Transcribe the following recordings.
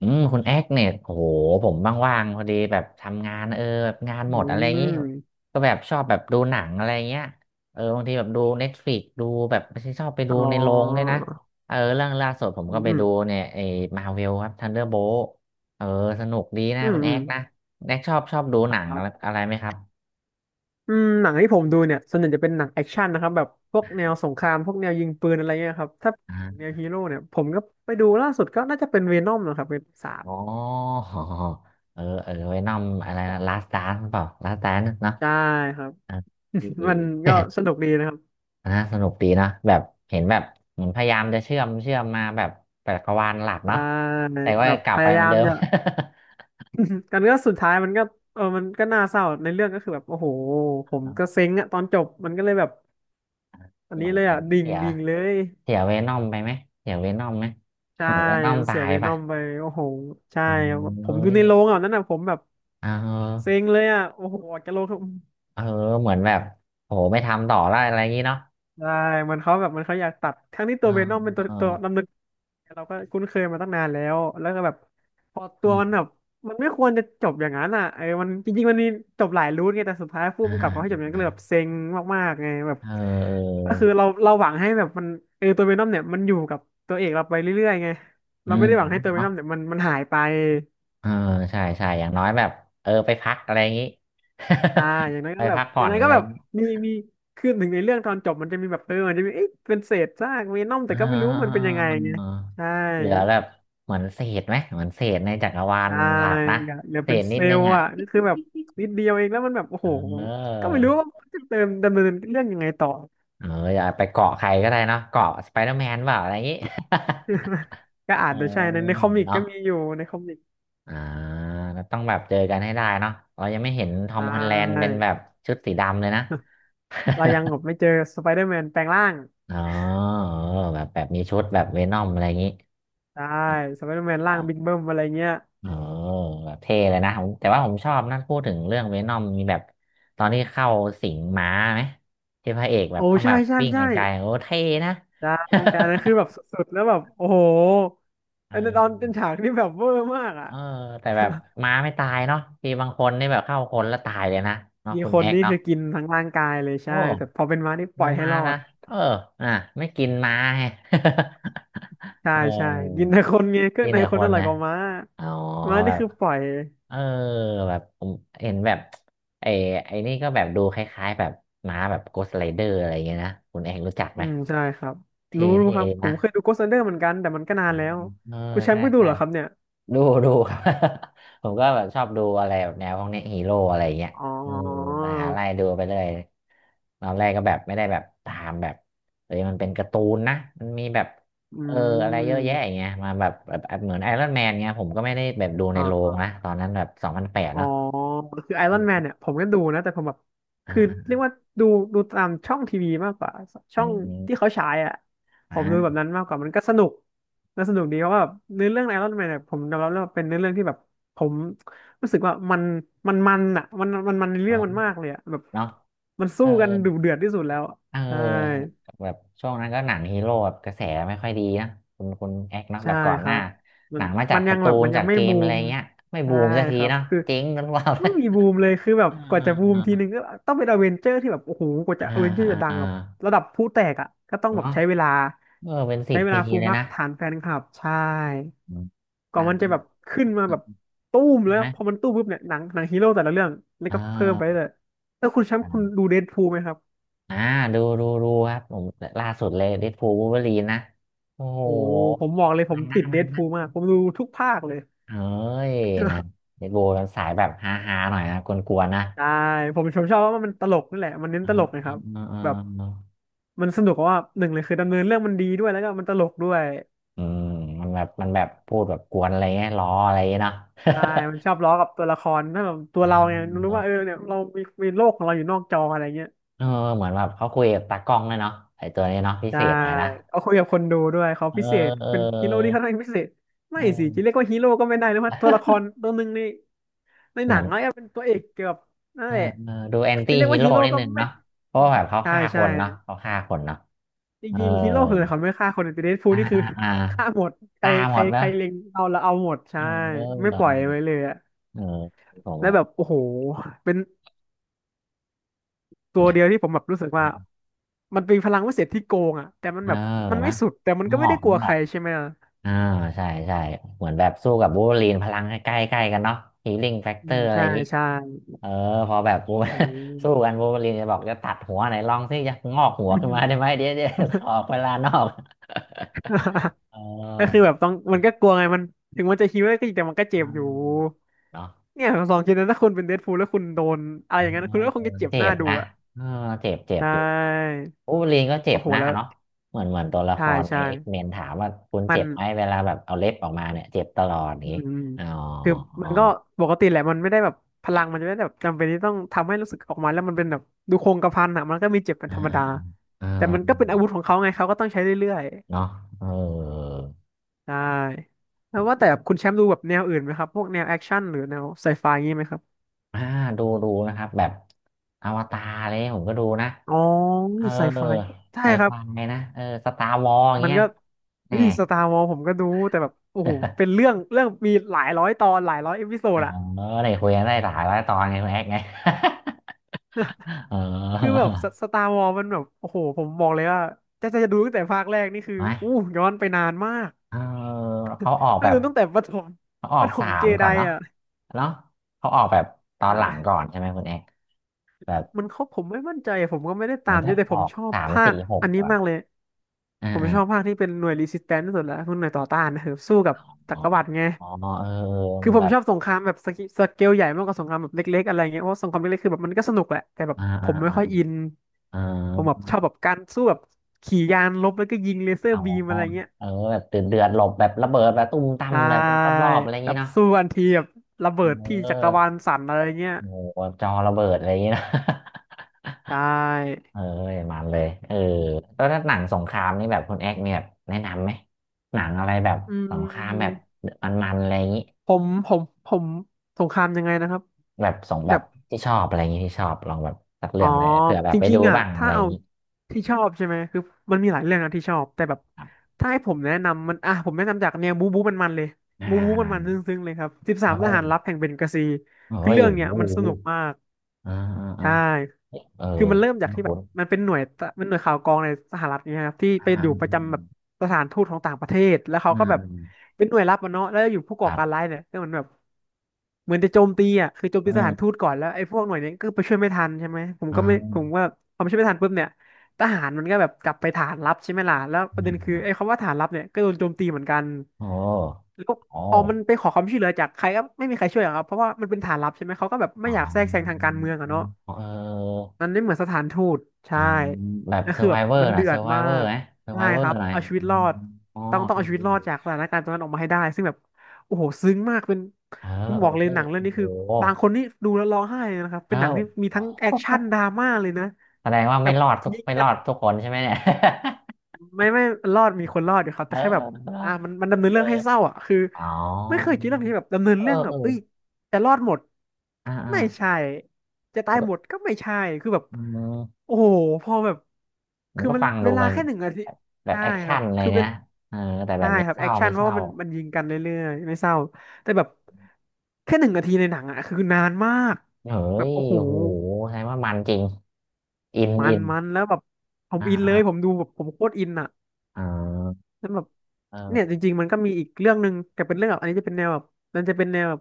อืมคุณแอคเนี่ยโอ้โหผมว่างๆพอดีแบบทำงานเออแบบงานหอืมดอะไรอย่างงี้มก็แบบชอบแบบดูหนังอะไรเงี้ยเออบางทีแบบดูเน็ตฟลิกซ์ดูแบบไม่ใช่ชอบไปดูอ๋อในโรงด้วยนะเออเรื่องล่าสุดผมอืก็ไปม ดูเนี่ยไอ้มาเวลครับทันเดอร์โบลต์เออสนุกดีนะอืม คุณแออืมคนะแอคชอบดูหนังครัอะไรบอะไรไหมครับหนังที่ผมดูเนี่ยส่วนใหญ่จะเป็นหนังแอคชั่นนะครับแบบพวกแนวสงครามพวกแนวยิงปืนอะไรเงี้ยครับถ้าอ่าแนวฮีโร่เนี่ยผมก็ไปดูล่าสุดก็น่าจะเป็นเวนอมนะครับเป็นสามอ๋อ เออเออไวนอมอะไรนะลาสต์ดานซ์เปล่าลาสต์ดานซ์เนาะใช่ครับ มันเี ก็สนุกดีนะครับนะสนุกดีนะแบบเห็นแบบเหมือนพยายามจะเชื่อมมาแบบจักรวาลหลักเนาะใช่แต่ว่าแบบกลัพบไปยาเหยามือนมเดิม จะ กันก็สุดท้ายมันก็เออมันก็น่าเศร้าในเรื่องก็คือแบบโอ้โหผมก็เซ็งอะตอนจบมันก็เลยแบบอันเหมืนี้อนเลยอะดิ่งเสียดิ่งเลย เสียเวนอมไปไหมเสียเวนอมไหมใช่เหมือนเวนอมตาเสียยเวนป่ะอมไปโอ้โหใช่ผมเอ้ดูยในโรงอ่ะนั่นน่ะผมแบบเออเซ็งเลยอ่ะโอ้โหออกจากโรงเขาเออเหมือนแบบโหไม่ทำต่อแล้วอะไรอย่างงี้เนาะใช่มันเขาแบบมันเขาอยากตัดทั้งที่เอตัอวเวนอมเป็นเอตัวดำอเนินเราก็คุ้นเคยมาตั้งนานแล้วแล้วก็แบบพอตัอืวมันมแบบมันไม่ควรจะจบอย่างนั้นอ่ะเออมันจริงๆมันมีจบหลายรูทไงแต่สุดท้ายผู้อ่ากำกับเขาให้จบอย่างนั้นอ่าก็เลยแบบเซ็งมากๆไงแบบเออก็คือเราหวังให้แบบมันเออตัวเวนอมเนี่ยมันอยู่กับตัวเอกเราไปเรื่อยๆไงเอออืเราไม่มได้หวังให้เนาะตัวเวเนาะนอมเนี่ยมันหายไป เออใช่ใช่อย่างน้อยแบบเออไปพักอะไรอย่างงี้ ใช่ อย่างนั้น ไปก็แบบพักอผ่ย่าองนนั้นอะก็ไร แบบมีคือถึงในเรื่องตอนจบมันจะมีแบบเออมันจะมีเอ๊ะเป็นเศษซากเวนอมอ่แต่ก็ไม่รู้มันเป็นายังไงไงใช่เหลือแบบเหมือนเศษไหม เหมือนเศษในจักรวาลใช่หลักนะเเหลือเศเป็นษนิเซดลนึงล์อ่ะอ่ะก็คือแบบนิดเดียวเองแล้วมันแบบโอ้เโหออก็ไม่รู้ว่าจะเติมดำเนินเรื่องยังไงต่อ เอออย่าไปเกาะใครก็ได้เนาะเกาะสไปเดอร์แมนเปล่าอะไรอย่างงี้ ก็ อาเอจอจะใช่ในคอมิกเนาะก็มีอยู่ในคอมิกอ่าต้องแบบเจอกันให้ได้เนาะเรายังไม่เห็นทอใชมฮอลแลนด์่ เป็นแบบชุดสีดำเลยนะ เรายังแบบไม่เจอสไปเดอร์แมนแปลงร่าง อ๋อเออแบบแบบมีชุดแบบเวนอมอะไรอย่างงี้ใช่สไปเดอร์แมนอ๋อ ร่างบิ๊กเบิ้มอะไรเงี้ยโอ้แบบเท่เลยนะผมแต่ว่าผมชอบนะพูดถึงเรื่องเวนอมมีแบบตอนที่เข้าสิงม้าไหมที่พระเอกแบโอ้บต้องแบใช่บใช่วิ่งใช่ ไกลๆโอ้เท่นะ ได้อันนั้นคือแบ บสุดๆแล้วแบบโอ้โหเออันนั้นตอนเป็นอฉากที่แบบเวอร์มากอ่ะเออแต่แบบม้าไม่ตายเนาะมีบางคนนี่แบบเข้าคนแล้วตายเลยนะเนาะมีคุณคแอนกนี่เนาะคือกินทั้งร่างกายเลยโอ้ใช่แต่พอเป็นม้านี่ปล่ไม่อยให้มารอละด เอออ่ะไม่กินม้าไง ใช่ เอใช่กินอในคนไงเครื่อกิงนในแต่คคนอนร่อยนะกว่าม้าอ๋อม้าแบนี่บ คือปล่อยเออแบบผมเห็นแบบไอ้ไอ้นี่ก็แบบดูคล้ายๆแบบม้าแบบโกสต t r i เดอร์อะไรอย่างเงี้ยนะคุณเองรู้จักไหอืมมใช่ครับ เท่รู้รู้ครับ ๆผนะมเคยดู Ghost Rider เหมือนกันแต่มันก็นาอ๋นอแล้ว เออคุณแชมใช่ป์ก็ดูใช่เหรอครับเนี่ย ดูดู ครับ ผมก็แบบชอบดูอะไรแบบแนวพวกเนี้ฮีโร่อะไรอย่างเงี้ยอ๋เอออหาอะไรดูไปเลยตอนแรกก็แบบไม่ได้แบบตามแบบเอ้ยมันเป็นการ์ตูนนะมันมีแบบอืเอออะไรเยอะมแยะอย่างเงี้ยมาแบบเหมือนไอรอนแมนเงี้ยผมก็ไม่ได้แบบดูในอ๋อ โรงนะตอนนั้นแบบ2008อ๋อเนาะคือไอรอนแมนเนี่ยผมก็ดูนะแต่ผมแบบคืออ่า เรียกว่าดูดูตามช่องทีวีมากกว่าช่อืองที่มเขาฉายอ่ะผอ่ามดูแบบนั้นมากกว่ามันก็สนุกน่าสนุกดีเพราะว่าแบบเนื้อเรื่องไอรอนแมนเนี่ยผมยอมรับเลยว่าเป็นเนื้อเรื่องที่แบบผมรู้สึกว่ามันอ่ะมันในอ๋เรื่อองมันมากเลยอ่ะแบบเนาะมันเอสู้อกันดุเดือดที่สุดแล้วอะเใช่ ออแบบช่วงนั้นก็หนังฮีโร่แบบกระแสไม่ค่อยดีนะคุณแอกเนาะแบใช่บก่อนคหรัน้าบมัหนันงมาจามักนยักางร์ตูแบบนมันยัจางกไม่เกมบูอะไรมเงี้ยไม่บูใช่มสักทีครับเนาะคือเจ๊งกันเปล่า ไม่มี เบูมเลยคือแบบอ่ากว่าจะบูมทีนึงอ่าก็ต้องเป็นอเวนเจอร์ที่แบบโอ้โหกว่าอ่าจะอเวนเจอร์จะดังอ่าแบบระดับผู้แตกอ่ะก็ต้องแบเนาะบใช้เวลาเออเป็นสิใช้บเวปีลาฟูมเลยพักนะฐานแฟนคลับใช่อืมกว่านามันจะแบนบขึ้นมาแบบตู้มใช่แล้วไหมพอมันตู้มปุ๊บเนี่ยหนังฮีโร่แต่ละเรื่องนี่อ่ก็เพิ่มไปาเลยๆแล้วคุณแชมป์คุณอ่าดูเดดพูลไหมครับอ่าดูดูดูครับผมล่าสุดเลยเดดพูลวูล์ฟเวอรีนนะโอ้โหโอ้โหผมบอกเลยผมัมนนติดเดดะ พูลมากผมดูทุกภาคเลย เฮ้ยนะเดดกูลสายแบบฮาฮาหน่อยนะกวนๆนะใช่ผมชอบว่ามันตลกนี่แหละมันเน้นเอ่าตลกนะคอ่ารับอ่าอ่าแบบอ่ามันสนุกเพราะว่าหนึ่งเลยคือดำเนินเรื่องมันดีด้วยแล้วก็มันตลกด้วยอืมมันแบบมันแบบพูดแบบกวนอะไรเงี้ยล้ออะไรเงี้ยเนาะ ใช่มันชอบล้อกับตัวละครถ้าแบบตัวเราไง รู้อ่าว่าเออเนี่ยเรามีมีโลกของเราอยู่นอกจออะไรเงี้ยเออเหมือนแบบเขาคุยกับตากล้องเลยเนาะไอตัวนี้เนาะพิเศใช่ษหน่อยนะเอาคุยกับคนดูด้วยเขาเออพิเศษเอเป็นฮีโร่ที่อค่อนข้างพิเศษไม่เอสิจะอ เรียกว่าฮีโร่ก็ไม่ได้นะว่าตัวละคร ตัวหนึ่งในหเหนัมืองนแล้วเป็นตัวเอกเกือบนั่นเอแหอละเออดูแอนจะตี้เรียกฮีว่าโร่ฮีโร่นิดก็นึงไม่เนาะเพราะว่าแบบเขาใช่ฆ่าคใช่ นเนาะเขาฆ่าคนเนาะจเออริงๆฮีโร่คืออะไรเขาไม่ฆ่าคนแต่เดดพูลอ่านี่คือ อ่าอ่า ฆ่าหมดใครฆ่าใคหมรดใคเนาะรเล็งเอาแล้วเอาหมดใช่เอไม่อปล่อยไว้เลยอะเออผมแล้วว่า แบบโอ้โหเป็นตัวเดียวที่ผมแบบรู้สึกว่ามันเป็นพลังวิเศษที่โกงอะแต่มันเออแบบมันไม่นะสุดแต่มันงก็อไม่ได้กกลัวงใคอรกใช่ไหมล่ะอ่าใช่ใช่เหมือนแบบสู้กับวูล์ฟเวอรีนพลังใกล้ๆกล้กันเนาะฮีลิ่งแฟกอืเตอมร์อะไรใช่อย่างนี้ใช่เออพอแบบ วูล์ฟ อื ม สู้กันวูล์ฟเวอรีนจะบอกจะตัดหัวไหนลองสิจะงอกหัวขึ้นมาได้ ไหมเดี๋ยวขอเวลานอก เอก็คืออแบบต้องมันก็กลัวไงมันถึงมันจะฮีโร่ก็จริงแต่มันก็เจ็อืบอยู่มเนาะเนี่ยผมลองคิดนะถ้าคุณเป็นเดดพูลแล้วคุณโดนอะไรเอออย่างนั้นคุณก็คงจะเจ็บเจ็หน้าบดูนะอะเออเจ็บเจ็ใชบอยู่่วูล์ฟเวอรีนก็เจ็โอ้บโหนะแล้ว เนาะเหมือนเหมือนตัวละคใช่รในใช่เอ็กเมนถามว่าคุณมัเจ็นบไหมเวลาแบบเอาเล็บออกมาเนี่ยเจ็บตลอดอย่างอืมนี้อืมอ๋อ คือมันก็ปกติแหละมันไม่ได้แบบพลังมันจะไม่ได้แบบจำเป็นที่ต้องทำให้รู้สึกออกมาแล้วมันเป็นแบบดูโครงกระพันอะมันก็มีเจ็บเป็นอ่าธรรมดา เออแต่มันก็เป็นอาวุธของเขาไงเขาก็ต้องใช้เรื่อยเนาะเออๆใช่แล้วว่าแต่คุณแชมป์ดูแบบแนวอื่นไหมครับ พวกแนวแอคชั่นหรือแนวไซไฟงี้ไหมครับ อ่าดูดูนะครับแบบอวตารเลยผมก็ดูนะอ๋อ เออนี่ไซไฟใช่ไซครัไฟบ นะเออสตาร์วอร์อย่างมันเงี้ยก็เฮ้แน่ ยสตาร์วอลผมก็ดูแต่แบบโอ้โหเป็น เรื่องมีหลายร้อยตอนหลายร้อยเอพิโซเออดอะ ได้คุยกันได้หลายร้อยตอนไงคุณแอกไง เอคือแบอบสตาร์วอลมันแบบโอ้โหผมบอกเลยว่าจะดูตั้งแต่ภาคแรกนี่คือไหมอู้ย้อนไปนานมากเออเขาออกนั่แบงบแต่ตั้งแต่ประถม เขาอ ปอกระถสามเจมก่ไดอนเนาะอ่ะเนาะเขาออกแบบตอนหลังอ่ก่อนใช่ไหมคุณแอกแบบมันเขาผมไม่มั่นใจอะผมก็ไม่ได้เหตามือนมเยจะอะแต่อผมอกชอบสามภาคสี่หกอันนี้ก่อนมากเลยอ่ผมชอบา ภาคที่เป็นหน่วยรีสิสแตนซ์ที่สุดแล้วคือหน่วยต่อต้านนะครับสู้กับจัอ๋อกรวรรดิไงอ๋อเออเออคืมัอนผแบมบชอบสงครามแบบสเกลใหญ่มากกว่าสงครามแบบเล็กๆอะไรเงี้ยเพราะสงครามเล็กๆคือแบบมันก็สนุกแหละแต่แบบอ่าผอ่ามไม่อ่าค่อยอินอ่าผมแบบชอบแบบการสู้แบบขี่ยานรบแล้วก็ยิงเลเซออ๋อร์บีมอะไรเงี้ย เออแบบเดือดเดือดหลบแบบระเบิดแบบตุ้มตั้มใช่แบบรอบรอบๆอะไรอย่างแบนี้บเนาะสู้กันทีแบบระเบิดเออที่จักรวาลสั่นอะไรเงี้ยโอ้โหจอระเบิดอะไรอย่างนี้เนอะ ใช่ เออมันเลยแล้วถ้าหนังสงครามนี่แบบคุณแอกเนี่ยแบบแนะนำไหมหนังอะไรแบบอืสงครามแบบมมันๆอะไรอย่างนี้ผมผมผมสงครามยังไงนะครับแบบแบบที่ชอบอะไรอย่างนี้ที่ชอบลองแบบสักอ๋เรื่อองเลยเผื่อแบจบไปริดูงๆอ่ะบ้างอะถ้าไรอเอาย่างนี้ที่ชอบใช่ไหมคือมันมีหลายเรื่องนะที่ชอบแต่แบบครับถ้าให้ผมแนะนำมันอ่ะผมแนะนำจากแนวบู๊บู๊มันๆเลยอ่บู๊บู๊มันๆซาึ้งๆเลยครับสิบสาเอมทหารลับอแห่งเบงกาซีโอ้คือยเรื่องโอ้เนี้โหยมันสนุกมากอ่าอ่า ใช่ เออคือมันเริ่มจากที่แบคุ้บนมันเป็นหน่วยตะมันหน่วยข่าวกรองในสหรัฐเนี่ยครับที่ๆอ่าไปอยู่ประจำแบบสถานทูตของต่างประเทศแล้วเขาอืก็มแบอืบมเป็นหน่วยลับมันเนาะแล้วอยู่ผู้คก่อรับการร้ายเนี่ยก็เหมือนแบบเหมือนจะโจมตีอ่ะคือโจมอืตีสถานทูมตก่อนแล้วไอ้พวกหน่วยเนี้ก็ไปช่วยไม่ทันใช่ไหมผมอ่ก็ไม่ผมาว่าพอไม่ช่วยไม่ทันปุ๊บเนี่ยทหารมันก็แบบกลับไปฐานลับใช่ไหมล่ะแล้วประเด็นคือ่าอไอ้คำว่าฐานลับเนี่ยก็โดนโจมตีเหมือนกันโอ้แล้วโอ้พอมันไปขอความช่วยเหลือจากใครก็ไม่มีใครช่วยหรอกครับเพราะว่ามันเป็นฐานลับใช่ไหมเขาก็แบบอ๋ไม่ออยากแทรกแซงทางการเมืองอะเนาะ เออมันไม่เหมือนสถานทูตใช่อ่าแบบนล่วเซอคือร์ไ o แบบเวอร์มันนะเดืเซออดร์ไ o มาเวอร์กไหมเซอร์ใช่ไ o เวอคร์รับอะไรเอาชีวิอ๋ตอรอดอ๋อต้องเออเอาชีวิเออตรอดจากสถานการณ์ตรงนั้นออกมาให้ได้ซึ่งแบบโอ้โหซึ้งมากเป็นเออผมเอบออกเลยไม่หนังเรื่องโอ้นี้โคือหบางคนนี่ดูแล้วร้องไห้เลยนะครับเป็นเอ้าหนังที่มีทั้งแอคชั่นดราม่าเลยนะแสดงว่าแบไม่บรอดทุกยิงไม่รกันอดทุกคนใช่ไหมเนี่ย ไม่รอดมีคนรอดอยู่ครับเอแต่แค่แบบออ่ามันดำเนินเออเรื่องให้เศร้าอ่ะคืออ๋อไม่เคยคิดเรื่องนี้แบบดำเนินเออเรื่องแบเอบอเอ้ยจะรอดหมดอ่าอ่าไม่ใช่จะตายหมดก็ไม่ใช่คือแบบ อืม โอ้โหพอแบบมันคือก็มันฟังดูเวลามันแค่หนึ่งนาทีแบบแบบใช่แอคคชั่รันบอะไรคือเป็เนี้นยเออแต่แบใช่บไม่ครับเศแอร้าคชั่นไม่เพเศราะว่าร้ามันยิงกันเรื่อยๆไม่เศร้าแต่แบบแค่หนึ่งนาทีในหนังอะคือนานมากเฮ้แบบยโอ้โหโอ้โหแสดงว่ามันจริงอินมัอินนมันแล้วแบบผมอ่าอินเลยผอ่ามดูแบบผมโคตรอินอะอ่านั้นแบบเนี่ยจเออริงๆมันก็มีอีกเรื่องหนึ่งแต่เป็นเรื่องแบบอันนี้จะเป็นแนวแบบมันจะเป็นแนวแบบ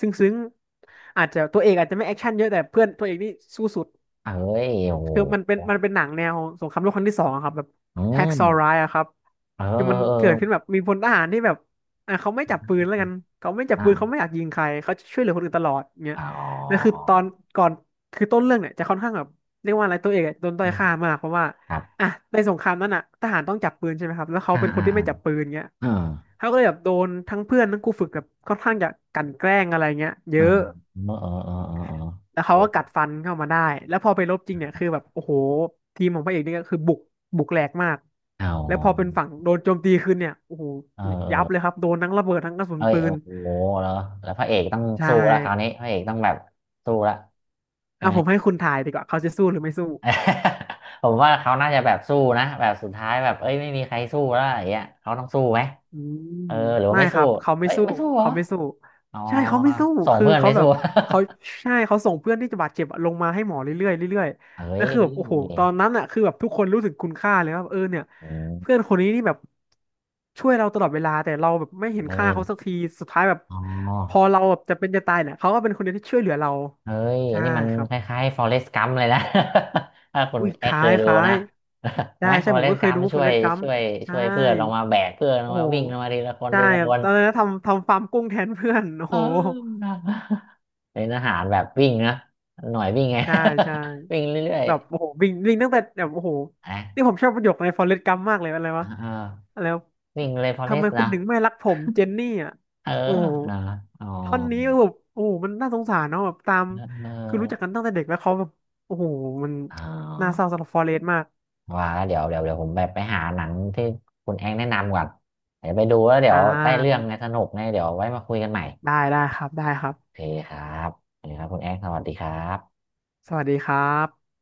ซึ้งๆอาจจะตัวเอกอาจจะไม่แอคชั่นเยอะแต่เพื่อนตัวเอกนี่สู้สุด เอ้ยโอ้โหคือมันเป็นหนังแนวสงครามโลกครั้งที่2อะครับแบบอืแฮกมซอ์ไรอะครับเออคือมันเกิดขึ้นเออแบบมีพลทหารที่แบบอ่ะเขาไม่จับปืนแล้วกันเขาไม่จับเออปืนเขาไม่ออ่ายากยิงใครเขาจะช่วยเหลือคนอื่นตลอดเงี้ยอ๋นั่นคืออตอนก่อนคือต้นเรื่องเนี่ยจะค่อนข้างแบบเรียกว่าอะไรตัวเอกอะโดนต้อยค่ามากเพราะว่าครับอ่ะในสงครามนั้นอ่ะทหารต้องจับปืนใช่ไหมครับแล้วเขาอ่าเป็นคอ่านที่อ่าไม่จับปืนเงี้ยเออเขาก็เลยแบบโดนทั้งเพื่อนทั้งครูฝึกแบบค่อนข้างจะกลั่นแกล้งอะไรเงี้ยเยเอออะ เออเออเออเออแล้วเขาก็กัดฟันเข้ามาได้ แล้วพอไปรบจริงเนี่ยคือแบบโอ้โหทีมของพระเอกนี่ก็คือบุกแหลกมาก เอาแล้วพอเป็นฝั่งโดนโจมตีขึ้นเนี่ยโอ้โหเออเอยับเลยอครับโดนทั้งระเบิดทั้งกระสุนเอ้ยปืโอ้นโหแล้วแล้วพระเอกต้องใช่สู้แล้วคราวนี้พระเอกต้องแบบสู้ละใช่อ่ะไหม ผมให้คุณทายดีกว่าเขาจะสู้หรือไม่สู้ เออผมว่าเขาน่าจะแบบสู้นะแบบสุดท้ายแบบเอ้ยไม่มีใครสู้แล้วอย่างเงี้ยเขาต้องสู้ไหมอืมเออหรือว่าไม่ไม่คสู้รับเขาไม่เอ้ยสู้ไม่สู้เหรอเขาไม่สู้อ๋อใช่เขาไม่สู้ส่งคือเพื่อนเขาไม่แบสู้ บเขาใช่เขาส่งเพื่อนที่จะบาดเจ็บอะลงมาให้หมอเรื่อยๆเรื่อย เอ้ๆแล้ยวคืเอ้อแบบโอ้โหตอนยนั้นอ่ะคือแบบทุกคนรู้ถึงคุณค่าเลยว่าเออเนี่ยเพื่อนคนนี้นี่แบบช่วยเราตลอดเวลาแต่เราแบบไม่เห็นเอ้ค่ายเขาสักทีสุดท้ายแบบอ๋พออเราแบบจะเป็นจะตายเนี่ยเขาก็เป็นคนเดียวที่ช่วยเหลือเราเอ้ยใช่นี่มันครับคล้ายๆ Forrest Gump เลยนะ ถ้าคุณอุ้ยแอคคล้าเคยยคดูล้านะ ย ใช่ไหม ใช่ผมก็ Forrest เคย Gump ดูฟช่อวเรยสต์กัมช่วยใช่ ช่วยเพื่อนลงมาแบกเพื่อนลงโอ้มาโหวิ่งลงมาทีละคนใช่ทีละครัคบนตอนนั้นทำฟาร์มกุ้งแทนเพื่อน โอ้เอโหอ เป็นอาหารแบบวิ่งนะหน่วยวิ่งไง ใช่ใช่ วิ่งเรื่อย แบบโอ้โหวิ่งวิ่งตั้งแต่แบบโอ้โหแอคนี่ผมชอบประโยคในฟอเรสต์กัมมากเลยอะไรวะเอออะไรวะวิ่งเลยพอเลทำไมสคุณนะถึงไม่รักผมเจนนี่อ่ะเออโอ้โหนะอ๋อท่อนนี้แบบโอ้โหมันน่าสงสารเนาะแบบตามเอคือรู้จักอกันตั้งแต่เด็กแล้วเขาแบบโอ้โหมันอ๋น่าเศอร้าสำหรับฟอเรสต์มากว่าแล้วเดี๋ยวเดี๋ยวเดี๋ยวผมแบบไปหาหนังที่คุณแองแนะนำก่อนเดี๋ยวไปดูแล้วเดี๋อ่ยวได้เรื่องาไงสนุกไงเดี๋ยวไว้มาคุยกันใหม่ได้ได้ครับได้ครัโอบเคครับโอเคครับคุณแองสวัสดีครับสวัสดีครับ